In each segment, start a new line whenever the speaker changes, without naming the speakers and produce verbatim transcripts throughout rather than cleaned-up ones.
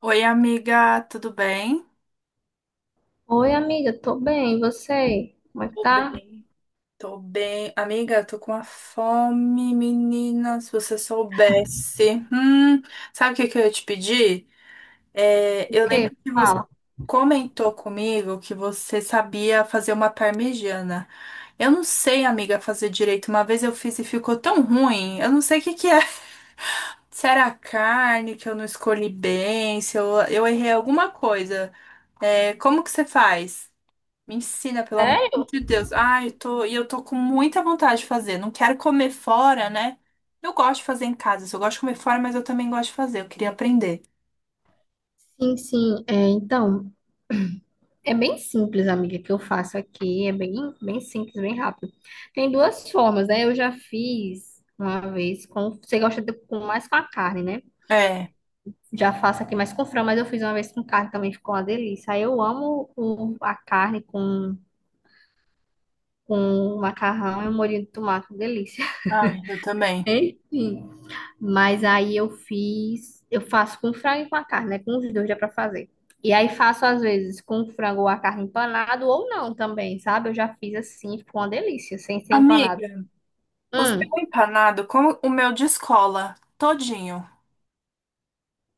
Oi, amiga, tudo bem?
Oi, amiga, tô bem, e você? Como é que
Tô
tá?
bem. Tô bem. Amiga, tô com uma fome, menina. Se você soubesse. Hum, sabe o que que eu ia te pedir? É,
O
eu
quê?
lembro que você
Fala.
comentou comigo que você sabia fazer uma parmegiana. Eu não sei, amiga, fazer direito. Uma vez eu fiz e ficou tão ruim. Eu não sei o que que é. Se era a carne que eu não escolhi bem, se eu, eu errei alguma coisa. É, como que você faz? Me ensina, pelo amor
É?
de Deus. Ai, eu tô, e eu tô com muita vontade de fazer. Não quero comer fora, né? Eu gosto de fazer em casa. Eu gosto de comer fora, mas eu também gosto de fazer. Eu queria aprender.
Sim, sim, é, então, é bem simples, amiga, que eu faço aqui, é bem, bem simples, bem rápido. Tem duas formas, né? Eu já fiz uma vez com, você gosta de, com, mais com a carne, né?
É.
Já faço aqui mais com frango, mas eu fiz uma vez com carne também, ficou uma delícia. Aí eu amo o- a carne com, com macarrão e um molhinho de tomate, delícia.
Ai, eu também.
Enfim. Mas aí eu fiz, eu faço com frango e com a carne, né? Com os dois dá pra fazer. E aí faço às vezes com frango ou a carne empanado ou não também, sabe? Eu já fiz assim, ficou uma delícia, sem ser empanado.
Amiga, o seu
Hum,
empanado, como o meu descola todinho.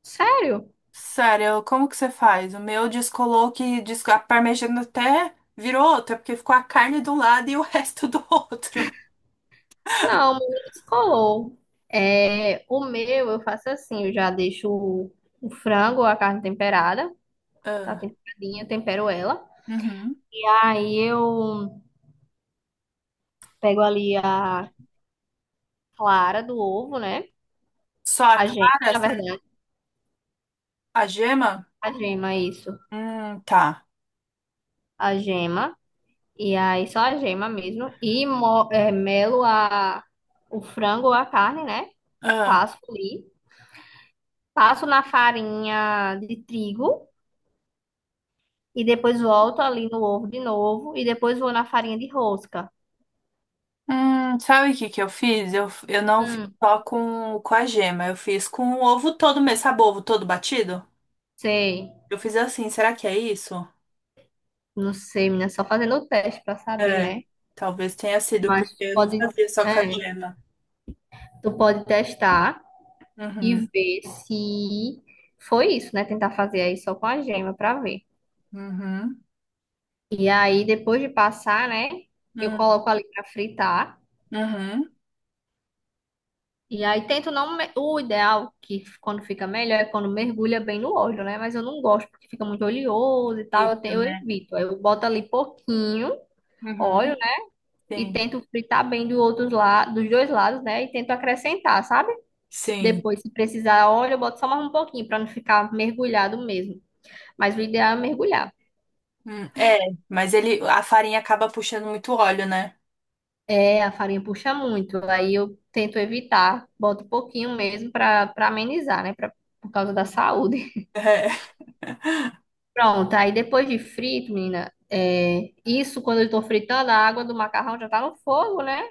sério?
Sério, como que você faz? O meu descolou que des- a parmegiana até virou outra, porque ficou a carne do lado e o resto do outro.
Não, mas não descolou. É, o meu eu faço assim, eu já deixo o, o frango ou a carne temperada, tá
Ah,
temperadinha, tempero ela.
uhum.
E aí eu pego ali a clara do ovo, né?
Só a
A gema,
clara,
na
essa-
verdade,
a gema?
a gema, isso.
Hum, tá.
A gema. E aí só a gema mesmo. E mo- é, melo a, o frango ou a carne, né?
Ah.
Passo ali. Passo na farinha de trigo. E depois volto ali no ovo de novo. E depois vou na farinha de rosca.
Hum, sabe o que que eu fiz? Eu, eu não fiz
Hum,
só com, com a gema, eu fiz com o ovo todo mesmo, sabe o ovo todo batido?
sei.
Eu fiz assim, será que é isso?
Não sei, menina. Só fazendo o teste pra saber,
É,
né?
talvez tenha sido,
Mas
porque eu não
pode.
fazia só com a
É,
gema.
tu pode testar e
Uhum,
ver se foi isso, né? Tentar fazer aí só com a gema pra ver.
uhum,
E aí, depois de passar, né? Eu
uhum,
coloco ali pra fritar.
uhum.
E aí tento não. me- O ideal, que quando fica melhor, é quando mergulha bem no óleo, né? Mas eu não gosto porque fica muito oleoso e tal.
Isso,
Eu, te- eu
né?
evito. Aí eu boto ali pouquinho óleo,
Uhum,
né? E
sim,
tento fritar bem do outros la... dos dois lados, né? E tento acrescentar, sabe?
sim.
Depois, se precisar óleo, eu boto só mais um pouquinho para não ficar mergulhado mesmo. Mas o ideal é mergulhar.
Hum, é, mas ele, a farinha acaba puxando muito óleo, né?
É, a farinha puxa muito. Aí eu tento evitar. Boto pouquinho mesmo para para amenizar, né? Pra... Por causa da saúde. Pronto, aí depois de frito, menina, é, isso quando eu tô fritando, a água do macarrão já tá no fogo, né?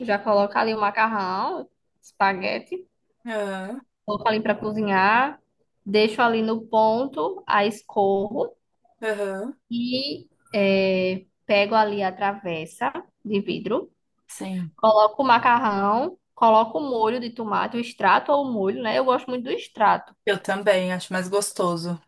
Já coloca ali o macarrão, espaguete,
É. Aham,
coloco ali pra cozinhar, deixo ali no ponto, aí escorro
aham.
e, é, pego ali a travessa de vidro,
Sim,
coloco o macarrão, coloco o molho de tomate, o extrato ou o molho, né? Eu gosto muito do extrato.
eu também, acho mais gostoso.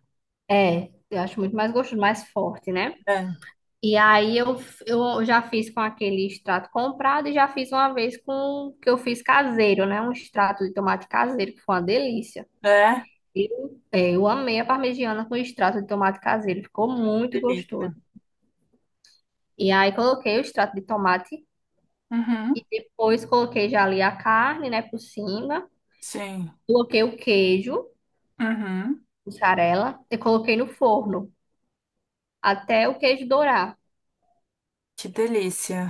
É, eu acho muito mais gostoso, mais forte, né?
É,
E aí eu, eu já fiz com aquele extrato comprado e já fiz uma vez com que eu fiz caseiro, né? Um extrato de tomate caseiro, que foi uma delícia.
é,
Eu, é, eu amei a parmegiana com extrato de tomate caseiro, ficou
que
muito gostoso.
delícia.
E aí coloquei o extrato de tomate
Uhum.
e depois coloquei já ali a carne, né, por cima.
Sim.
Coloquei o queijo,
Uhum.
mussarela, e coloquei no forno até o queijo dourar.
Que delícia.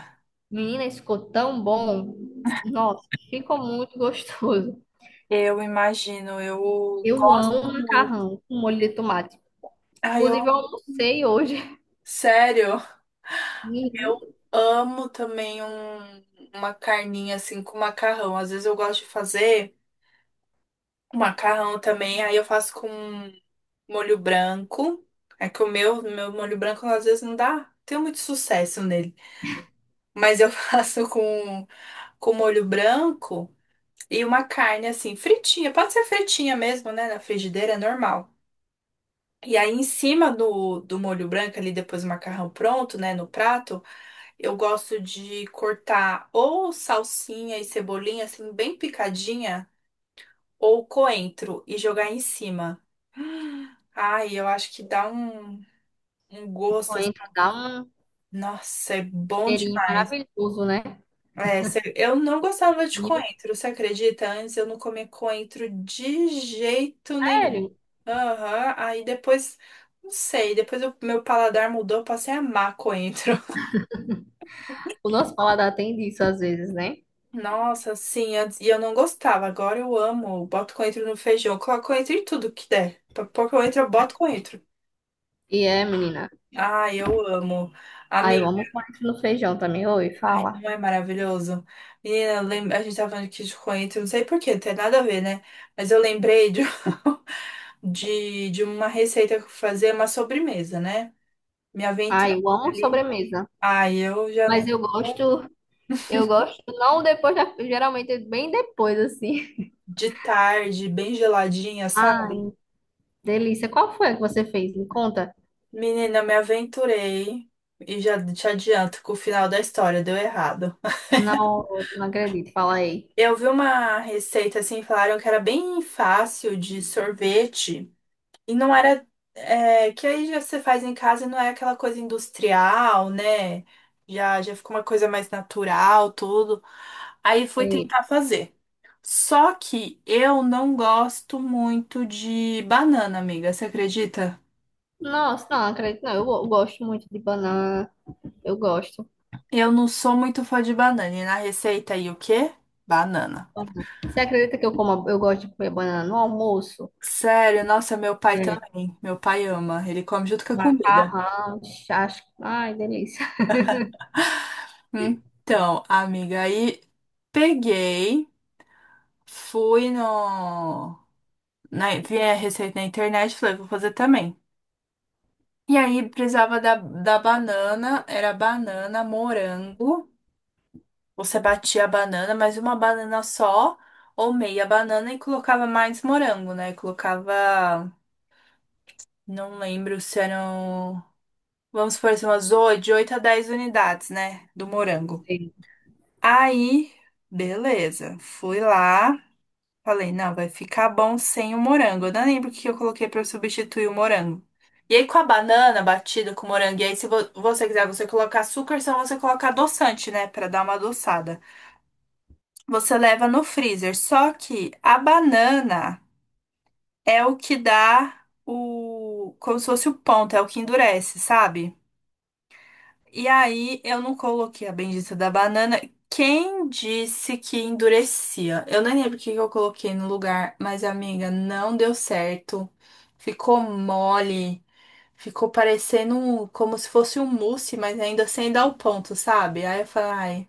Menina, isso ficou tão bom. Nossa, ficou muito gostoso.
Eu imagino, eu
Eu
gosto
amo
muito.
macarrão com molho de tomate.
Ai, eu,
Inclusive, eu almocei hoje.
sério,
E
eu amo também um- uma carninha assim com macarrão. Às vezes eu gosto de fazer um macarrão também, aí eu faço com molho branco. É que o meu, meu molho branco às vezes não dá, tenho muito sucesso nele. Mas eu faço com, com molho branco e uma carne assim, fritinha. Pode ser fritinha mesmo, né? Na frigideira, é normal. E aí, em cima do, do molho branco, ali depois do macarrão pronto, né, no prato, eu gosto de cortar ou salsinha e cebolinha, assim, bem picadinha, ou coentro e jogar em cima. Hum, Ai, eu acho que dá um, um
o
gosto assim.
coentro dá um
Nossa, é bom
cheirinho
demais.
maravilhoso, né?
É, sé- eu não gostava de
E,
coentro, você acredita? Antes eu não comia coentro de jeito nenhum.
sério,
Aham. Aí depois, não sei, depois o meu paladar mudou, eu passei a amar coentro.
o nosso paladar tem disso às vezes, né?
Nossa, sim, antes, e eu não gostava, agora eu amo. Eu boto coentro no feijão, eu coloco coentro em tudo que der. Pra pôr coentro, eu boto coentro.
E é, menina.
Ai, eu amo.
Ai, eu
Amiga,
amo coentro no feijão também. Oi,
ai,
fala.
não é maravilhoso? Menina, eu lem- a gente tava falando aqui de coentro, não sei por quê, não tem nada a ver, né? Mas eu lembrei de, de, de uma receita que eu fazia, uma sobremesa, né? Me aventurei
Ai, eu amo
ali.
sobremesa.
Ai, eu já não.
Mas eu gosto, eu gosto, não depois, da- geralmente bem depois, assim.
De tarde, bem geladinha, sabe?
Ai, delícia. Qual foi a que você fez? Me conta.
Menina, eu me aventurei e já te adianto que o final da história deu errado.
Não, não acredito. Fala aí.
Eu vi uma receita assim, falaram que era bem fácil de sorvete e não era. É, que aí já você faz em casa e não é aquela coisa industrial, né? Já, já ficou uma coisa mais natural, tudo. Aí fui
É,
tentar fazer. Só que eu não gosto muito de banana, amiga, você acredita?
nossa, não, acredito não. Eu, go- gosto muito de banana. Eu gosto.
Eu não sou muito fã de banana. E na receita aí o quê? Banana.
Banana. Você acredita que eu como, eu gosto de comer banana no almoço?
Sério, nossa, meu pai
É.
também. Meu pai ama. Ele come junto com a comida.
Macarrão, chás. Ai, delícia.
Então, amiga, aí peguei, fui no. Na, vi a receita na internet, falei, vou fazer também. E aí precisava da, da banana, era banana, morango. Você batia a banana, mas uma banana só, ou meia banana, e colocava mais morango, né? Colocava. Não lembro se eram. Vamos supor assim, umas oito, de oito a dez unidades, né? Do morango.
Sim.
Aí, beleza. Fui lá, falei, não, vai ficar bom sem o morango. Eu não lembro o que eu coloquei pra substituir o morango. E aí, com a banana batida com o morango, e aí, se vo- você quiser, você coloca açúcar, senão você coloca adoçante, né? Pra dar uma adoçada. Você leva no freezer. Só que a banana é o que dá o. Como se fosse o ponto, é o que endurece, sabe? E aí eu não coloquei a bendita da banana. Quem disse que endurecia? Eu nem lembro o que que eu coloquei no lugar, mas amiga, não deu certo. Ficou mole, ficou parecendo um- como se fosse um mousse, mas ainda sem dar o ponto, sabe? Aí eu falei, ai,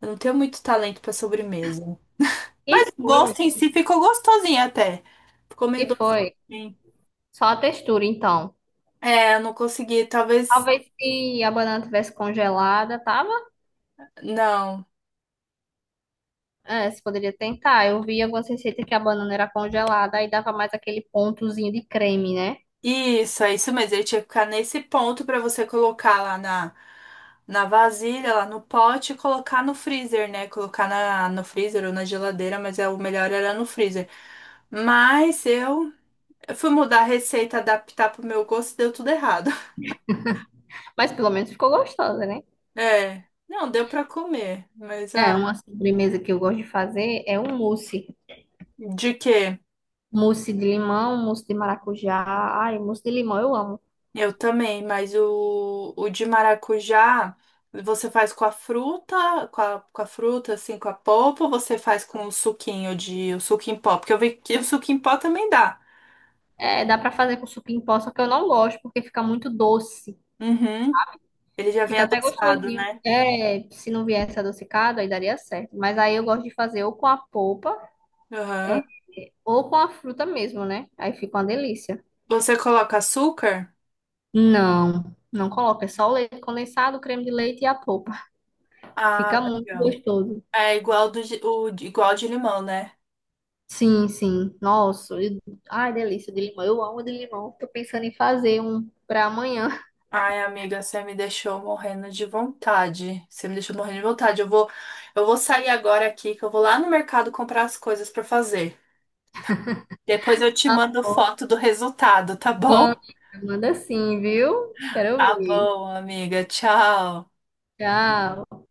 eu não tenho muito talento pra sobremesa.
E foi, meu
Gosto em
Deus?
si ficou gostosinho até. Ficou
E
meio
foi.
docinho.
Só a textura, então.
É, eu não consegui, talvez.
Talvez se a banana tivesse congelada, tava?
Não.
É, você poderia tentar. Eu vi algumas receitas que a banana era congelada, aí dava mais aquele pontozinho de creme, né?
Isso, é isso mesmo. Ele tinha que ficar nesse ponto pra você colocar lá na, na vasilha, lá no pote e colocar no freezer, né? Colocar na, no freezer ou na geladeira, mas é, o melhor era no freezer. Mas eu, eu fui mudar a receita, adaptar pro meu gosto e deu tudo errado.
Mas pelo menos ficou gostosa, né?
É, não, deu pra comer, mas
É,
ah,
uma sobremesa que eu gosto de fazer é um mousse.
de quê?
Mousse de limão, mousse de maracujá. Ai, mousse de limão eu amo.
Eu também, mas o, o de maracujá você faz com a fruta, com a, com a fruta, assim, com a polpa, ou você faz com o suquinho de, o suco em pó? Porque eu vi que o suco em pó também dá.
É, dá pra fazer com suco em pó, só que eu não gosto porque fica muito doce.
Uhum. Ele já vem
Fica até
adoçado,
gostosinho.
né?
É, se não viesse adocicado, aí daria certo. Mas aí eu gosto de fazer ou com a polpa
Aham.
ou com a fruta mesmo, né? Aí fica uma delícia.
Você coloca açúcar?
Não, não coloca. É só o leite condensado, o creme de leite e a polpa. Fica
Ah,
muito
legal.
gostoso.
É igual do, de- o, de- igual de limão, né?
Sim, sim. Nossa, e- ai, delícia de limão. Eu amo de limão. Tô pensando em fazer um pra amanhã.
Ai, amiga, você me deixou morrendo de vontade. Você me deixou morrendo de vontade. Eu vou, eu vou sair agora aqui, que eu vou lá no mercado comprar as coisas pra fazer. Depois eu te mando foto do resultado, tá bom?
Manda, manda sim, viu? Quero
Tá
ouvir.
bom, amiga. Tchau.
Tchau.